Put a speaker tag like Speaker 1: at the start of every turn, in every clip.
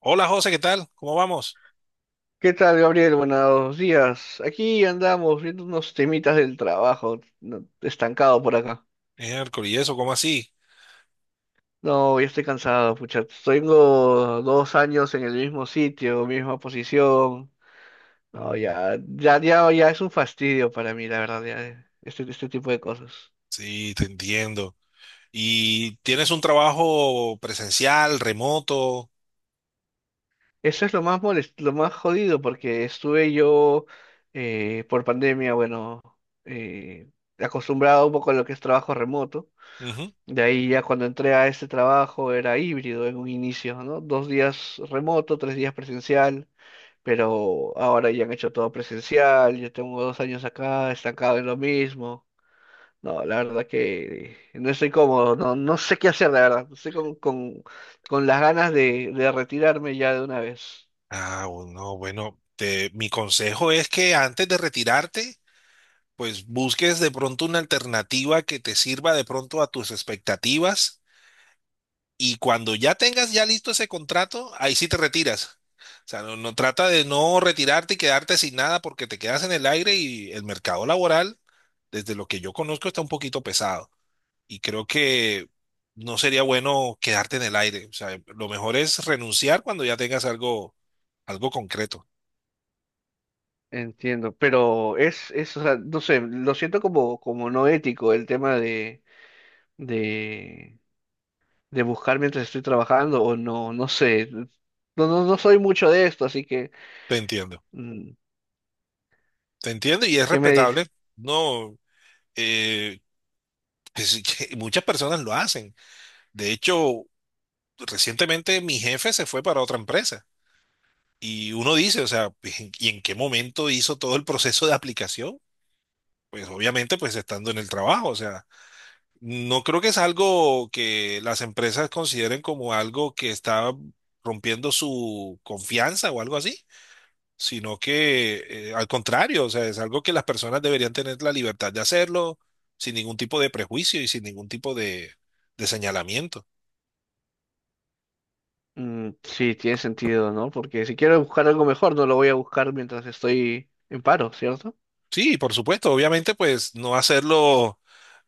Speaker 1: Hola José, ¿qué tal? ¿Cómo vamos?
Speaker 2: ¿Qué tal, Gabriel? Buenos días. Aquí andamos viendo unos temitas del trabajo, estancado por acá.
Speaker 1: Miércoles, ¿y eso? ¿Cómo así?
Speaker 2: No, ya estoy cansado, pucha. Tengo dos años en el mismo sitio, misma posición. No,
Speaker 1: Mm,
Speaker 2: ya, ya, ya, ya es un fastidio para mí, la verdad, ya, este tipo de cosas.
Speaker 1: sí, te entiendo. ¿Y tienes un trabajo presencial, remoto?
Speaker 2: Eso es lo más jodido, porque estuve yo por pandemia, bueno, eh, acostumbrado un poco a lo que es trabajo remoto.
Speaker 1: Ujú.
Speaker 2: De ahí ya cuando entré a este trabajo era híbrido en un inicio, ¿no? Dos días remoto, tres días presencial, pero ahora ya han hecho todo presencial, yo tengo dos años acá, estancado en lo mismo. No, la verdad que no estoy cómodo, no, no sé qué hacer, la verdad. Estoy con las ganas de retirarme ya de una vez.
Speaker 1: Ah, bueno, bueno, mi consejo es que antes de retirarte, pues busques de pronto una alternativa que te sirva de pronto a tus expectativas. Y cuando ya tengas ya listo ese contrato, ahí sí te retiras. O sea, no, no trata de no retirarte y quedarte sin nada porque te quedas en el aire y el mercado laboral, desde lo que yo conozco, está un poquito pesado. Y creo que no sería bueno quedarte en el aire. O sea, lo mejor es renunciar cuando ya tengas algo, algo concreto.
Speaker 2: Entiendo, pero o sea, no sé, lo siento como, como no ético el tema de, de buscar mientras estoy trabajando o no, no sé. No, no, no soy mucho de esto, así que,
Speaker 1: Te entiendo,
Speaker 2: mm,
Speaker 1: te entiendo y es
Speaker 2: ¿qué me dices?
Speaker 1: respetable. No, eh, pues, que muchas personas lo hacen. De hecho, recientemente mi jefe se fue para otra empresa y uno dice, o sea, ¿y en qué momento hizo todo el proceso de aplicación? Pues obviamente, pues estando en el trabajo, o sea, no creo que es algo que las empresas consideren como algo que está rompiendo su confianza o algo así, sino que al contrario, o sea, es algo que las personas deberían tener la libertad de hacerlo sin ningún tipo de prejuicio y sin ningún tipo de señalamiento.
Speaker 2: Mm, sí, tiene sentido, ¿no? Porque si quiero buscar algo mejor, no lo voy a buscar mientras estoy en paro, ¿cierto?
Speaker 1: Sí, por supuesto, obviamente, pues no hacerlo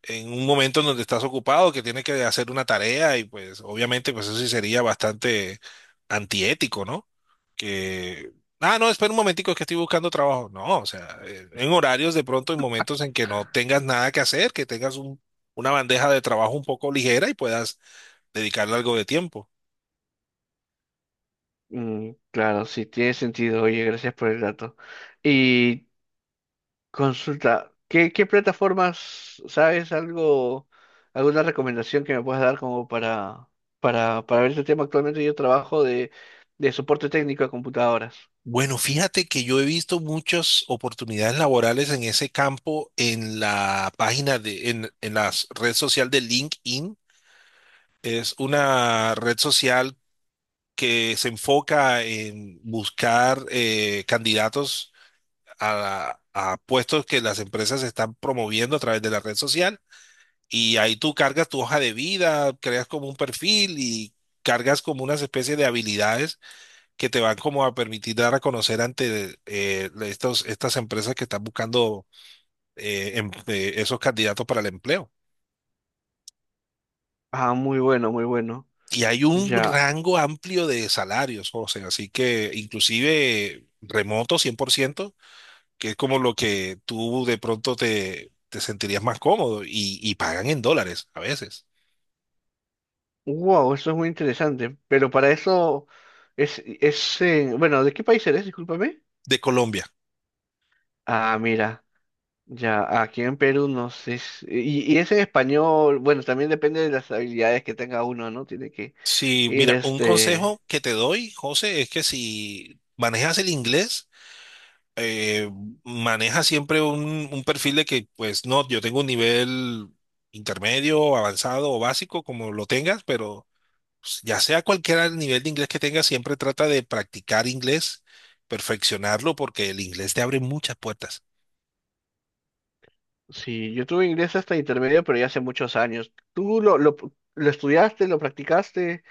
Speaker 1: en un momento en donde estás ocupado, que tienes que hacer una tarea y pues obviamente pues eso sí sería bastante antiético, ¿no? Que, ah, no, espera un momentico, es que estoy buscando trabajo. No, o sea, en horarios de pronto, en momentos en que no tengas nada que hacer, que tengas una bandeja de trabajo un poco ligera y puedas dedicarle algo de tiempo.
Speaker 2: Mm, claro, sí, tiene sentido. Oye, gracias por el dato. Y consulta, ¿qué plataformas, sabes algo, alguna recomendación que me puedas dar como para, para ver este tema? Actualmente yo trabajo de soporte técnico a computadoras.
Speaker 1: Bueno, fíjate que yo he visto muchas oportunidades laborales en ese campo en la página de, en la red social de LinkedIn. Es una red social que se enfoca en buscar candidatos a puestos que las empresas están promoviendo a través de la red social. Y ahí tú cargas tu hoja de vida, creas como un perfil y cargas como unas especies de habilidades que te van como a permitir dar a conocer ante estos, estas empresas que están buscando esos candidatos para el empleo.
Speaker 2: Ah, muy bueno, muy bueno.
Speaker 1: Y hay un
Speaker 2: Ya.
Speaker 1: rango amplio de salarios, José, así que inclusive remoto 100%, que es como lo que tú de pronto te, te sentirías más cómodo, y pagan en dólares a veces,
Speaker 2: Wow, eso es muy interesante. Pero para eso bueno, ¿de qué país eres? Discúlpame.
Speaker 1: de Colombia.
Speaker 2: Ah, mira. Ya, aquí en Perú no sé. Y es en español. Bueno, también depende de las habilidades que tenga uno, ¿no? Tiene que
Speaker 1: Sí,
Speaker 2: ir
Speaker 1: mira, un
Speaker 2: este.
Speaker 1: consejo que te doy, José, es que si manejas el inglés, eh, maneja siempre un perfil de que, pues no, yo tengo un nivel intermedio, avanzado o básico, como lo tengas, pero pues, ya sea cualquier nivel de inglés que tengas, siempre trata de practicar inglés, perfeccionarlo, porque el inglés te abre muchas puertas.
Speaker 2: Sí, yo tuve inglés hasta intermedio, pero ya hace muchos años. ¿Tú lo estudiaste, lo practicaste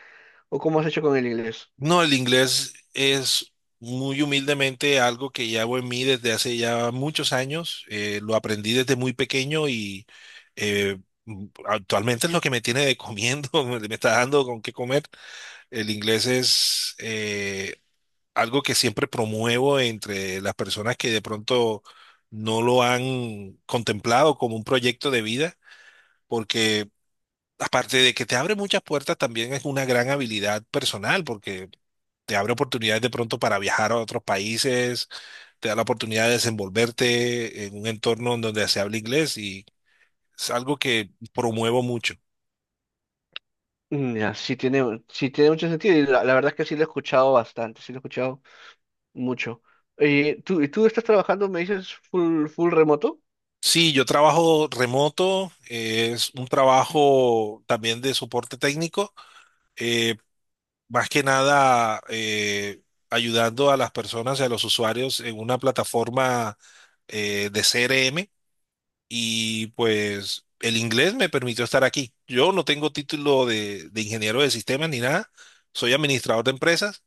Speaker 2: o cómo has hecho con el inglés?
Speaker 1: No, el inglés es muy humildemente algo que llevo en mí desde hace ya muchos años. Lo aprendí desde muy pequeño y eh, actualmente es lo que me tiene de comiendo, me está dando con qué comer. El inglés es, algo que siempre promuevo entre las personas que de pronto no lo han contemplado como un proyecto de vida, porque aparte de que te abre muchas puertas, también es una gran habilidad personal, porque te abre oportunidades de pronto para viajar a otros países, te da la oportunidad de desenvolverte en un entorno en donde se habla inglés y es algo que promuevo mucho.
Speaker 2: Mm, ya, sí tiene mucho sentido y la verdad es que sí lo he escuchado bastante, sí lo he escuchado mucho. ¿Y tú estás trabajando, me dices, full remoto?
Speaker 1: Sí, yo trabajo remoto, es un trabajo también de soporte técnico, eh, más que nada ayudando a las personas y a los usuarios en una plataforma de CRM, y pues el inglés me permitió estar aquí. Yo no tengo título de ingeniero de sistemas ni nada, soy administrador de empresas,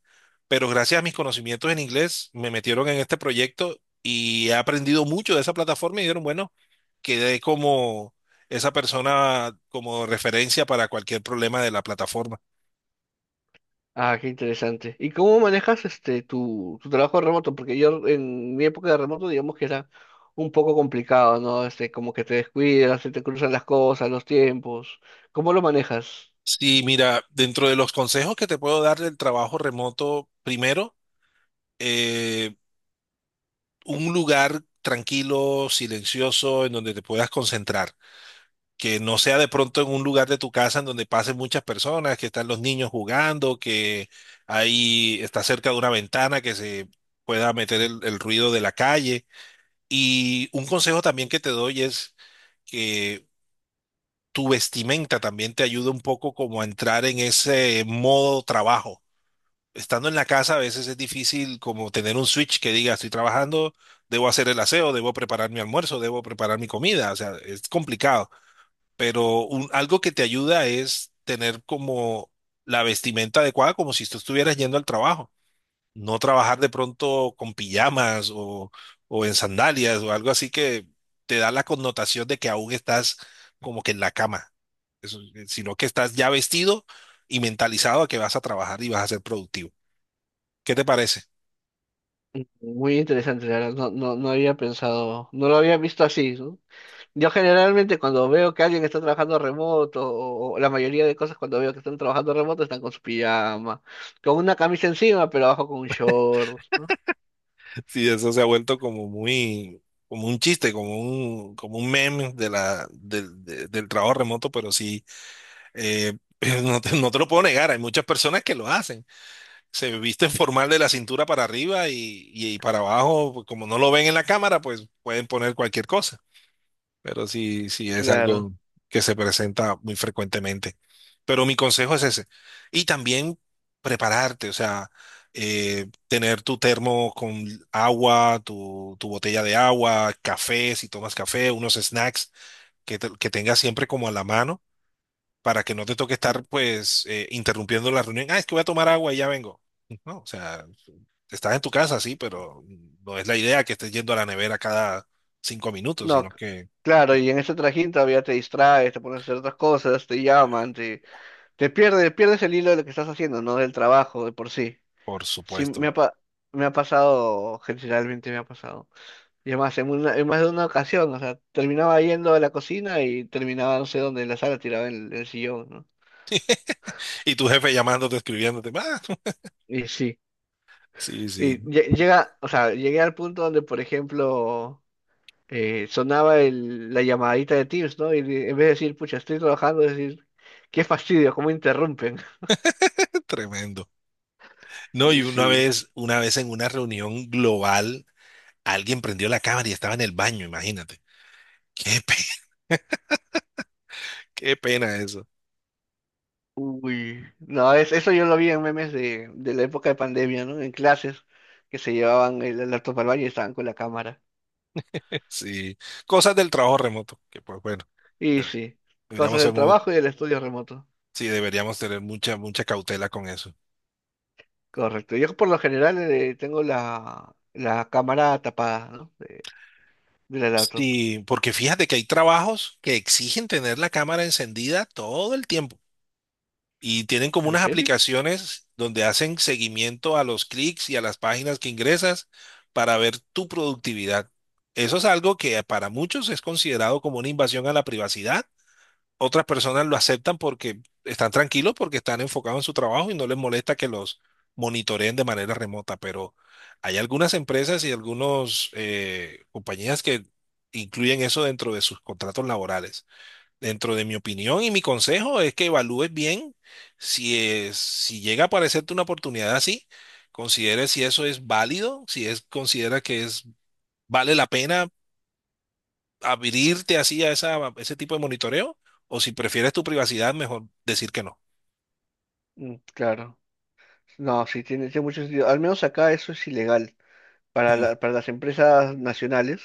Speaker 1: pero gracias a mis conocimientos en inglés me metieron en este proyecto y he aprendido mucho de esa plataforma y dijeron, bueno, quedé como esa persona como referencia para cualquier problema de la plataforma.
Speaker 2: Ah, qué interesante. ¿Y cómo manejas este tu trabajo remoto? Porque yo en mi época de remoto, digamos que era un poco complicado, ¿no? Este, como que te descuidas, se te cruzan las cosas, los tiempos. ¿Cómo lo manejas?
Speaker 1: Sí, mira, dentro de los consejos que te puedo dar del trabajo remoto, primero, eh, un lugar tranquilo, silencioso, en donde te puedas concentrar. Que no sea de pronto en un lugar de tu casa en donde pasen muchas personas, que están los niños jugando, que ahí está cerca de una ventana que se pueda meter el ruido de la calle. Y un consejo también que te doy es que tu vestimenta también te ayude un poco como a entrar en ese modo trabajo. Estando en la casa a veces es difícil como tener un switch que diga, estoy trabajando, debo hacer el aseo, debo preparar mi almuerzo, debo preparar mi comida, o sea, es complicado, pero algo que te ayuda es tener como la vestimenta adecuada, como si tú estuvieras yendo al trabajo, no trabajar de pronto con pijamas o en sandalias o algo así que te da la connotación de que aún estás como que en la cama, eso- sino que estás ya vestido y mentalizado a que vas a trabajar y vas a ser productivo. ¿Qué te parece?
Speaker 2: Muy interesante, la verdad. No, no, no había pensado, no lo había visto así, ¿no? Yo generalmente cuando veo que alguien está trabajando remoto, o la mayoría de cosas cuando veo que están trabajando remoto están con su pijama, con una camisa encima, pero abajo con un short, ¿no?
Speaker 1: Sí, eso se ha vuelto como muy, como un chiste, como un meme de la, del, del trabajo remoto, pero sí, eh, no te, no te lo puedo negar, hay muchas personas que lo hacen. Se visten formal de la cintura para arriba y para abajo, pues, como no lo ven en la cámara, pues pueden poner cualquier cosa, pero sí, sí es
Speaker 2: Claro.
Speaker 1: algo que se presenta muy frecuentemente. Pero mi consejo es ese. Y también prepararte, o sea, tener tu termo con agua, tu botella de agua, café, si tomas café, unos snacks que, que tengas siempre como a la mano para que no te toque estar pues interrumpiendo la reunión. Ah, es que voy a tomar agua y ya vengo. No, o sea, estás en tu casa, sí, pero no es la idea que estés yendo a la nevera cada 5 minutos,
Speaker 2: No,
Speaker 1: sino
Speaker 2: c-
Speaker 1: que...
Speaker 2: Claro, y en ese trajín todavía te distraes, te pones a hacer otras cosas, te llaman, te pierdes, pierdes el hilo de lo que estás haciendo, no del trabajo de por sí.
Speaker 1: Por
Speaker 2: Sí,
Speaker 1: supuesto.
Speaker 2: me ha pasado, generalmente me ha pasado. Y además, en más de una ocasión, o sea, terminaba yendo a la cocina y terminaba no sé dónde, en la sala, tirado en el sillón, ¿no?
Speaker 1: Y tu jefe llamándote, escribiéndote. Ah,
Speaker 2: Y sí,
Speaker 1: sí, sí,
Speaker 2: llega, o sea, llegué al punto donde, por ejemplo, sonaba la llamadita de Teams, ¿no? En vez de decir, pucha, estoy trabajando, decir, qué fastidio, cómo interrumpen.
Speaker 1: tremendo. No, y
Speaker 2: Y sí,
Speaker 1: una vez en una reunión global, alguien prendió la cámara y estaba en el baño, imagínate. Qué pena, qué pena eso.
Speaker 2: uy, no, es, eso yo lo vi en memes de la época de pandemia, ¿no? En clases que se llevaban el laptop al baño y estaban con la cámara.
Speaker 1: Sí, cosas del trabajo remoto, que pues bueno,
Speaker 2: Y
Speaker 1: debe-
Speaker 2: sí,
Speaker 1: deberíamos
Speaker 2: cosas
Speaker 1: ser
Speaker 2: del
Speaker 1: muy,
Speaker 2: trabajo y del estudio remoto.
Speaker 1: sí, deberíamos tener mucha, mucha cautela con eso.
Speaker 2: Correcto. Yo por lo general tengo la cámara tapada, ¿no? De la laptop.
Speaker 1: Sí, porque fíjate que hay trabajos que exigen tener la cámara encendida todo el tiempo, y tienen como
Speaker 2: ¿En
Speaker 1: unas
Speaker 2: serio?
Speaker 1: aplicaciones donde hacen seguimiento a los clics y a las páginas que ingresas para ver tu productividad. Eso es algo que para muchos es considerado como una invasión a la privacidad. Otras personas lo aceptan porque están tranquilos, porque están enfocados en su trabajo y no les molesta que los monitoreen de manera remota. Pero hay algunas empresas y algunas compañías que incluyen eso dentro de sus contratos laborales. Dentro de mi opinión y mi consejo es que evalúes bien si llega a aparecerte una oportunidad así, considere si eso es válido, si es considera que es vale la pena abrirte así a esa, a ese tipo de monitoreo, o si prefieres tu privacidad, mejor decir que no.
Speaker 2: Mm, claro. No, sí, tiene, tiene mucho sentido. Al menos acá eso es ilegal.
Speaker 1: Mm,
Speaker 2: Para las empresas nacionales,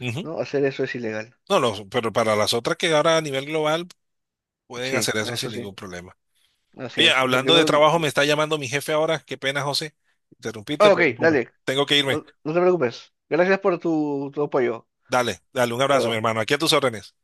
Speaker 1: ujú.
Speaker 2: ¿no? Hacer eso es ilegal.
Speaker 1: No, no, pero para las otras que ahora a nivel global pueden
Speaker 2: Sí,
Speaker 1: hacer eso
Speaker 2: eso
Speaker 1: sin
Speaker 2: sí.
Speaker 1: ningún problema.
Speaker 2: Así
Speaker 1: Oye,
Speaker 2: es. Porque
Speaker 1: hablando de
Speaker 2: no...
Speaker 1: trabajo, me está llamando mi jefe ahora. Qué pena, José, interrumpirte,
Speaker 2: Ah, ok,
Speaker 1: pero bueno,
Speaker 2: dale.
Speaker 1: tengo que irme.
Speaker 2: No, no te preocupes. Gracias por tu apoyo.
Speaker 1: Dale, dale, un abrazo, mi
Speaker 2: Luego.
Speaker 1: hermano. Aquí a tus órdenes.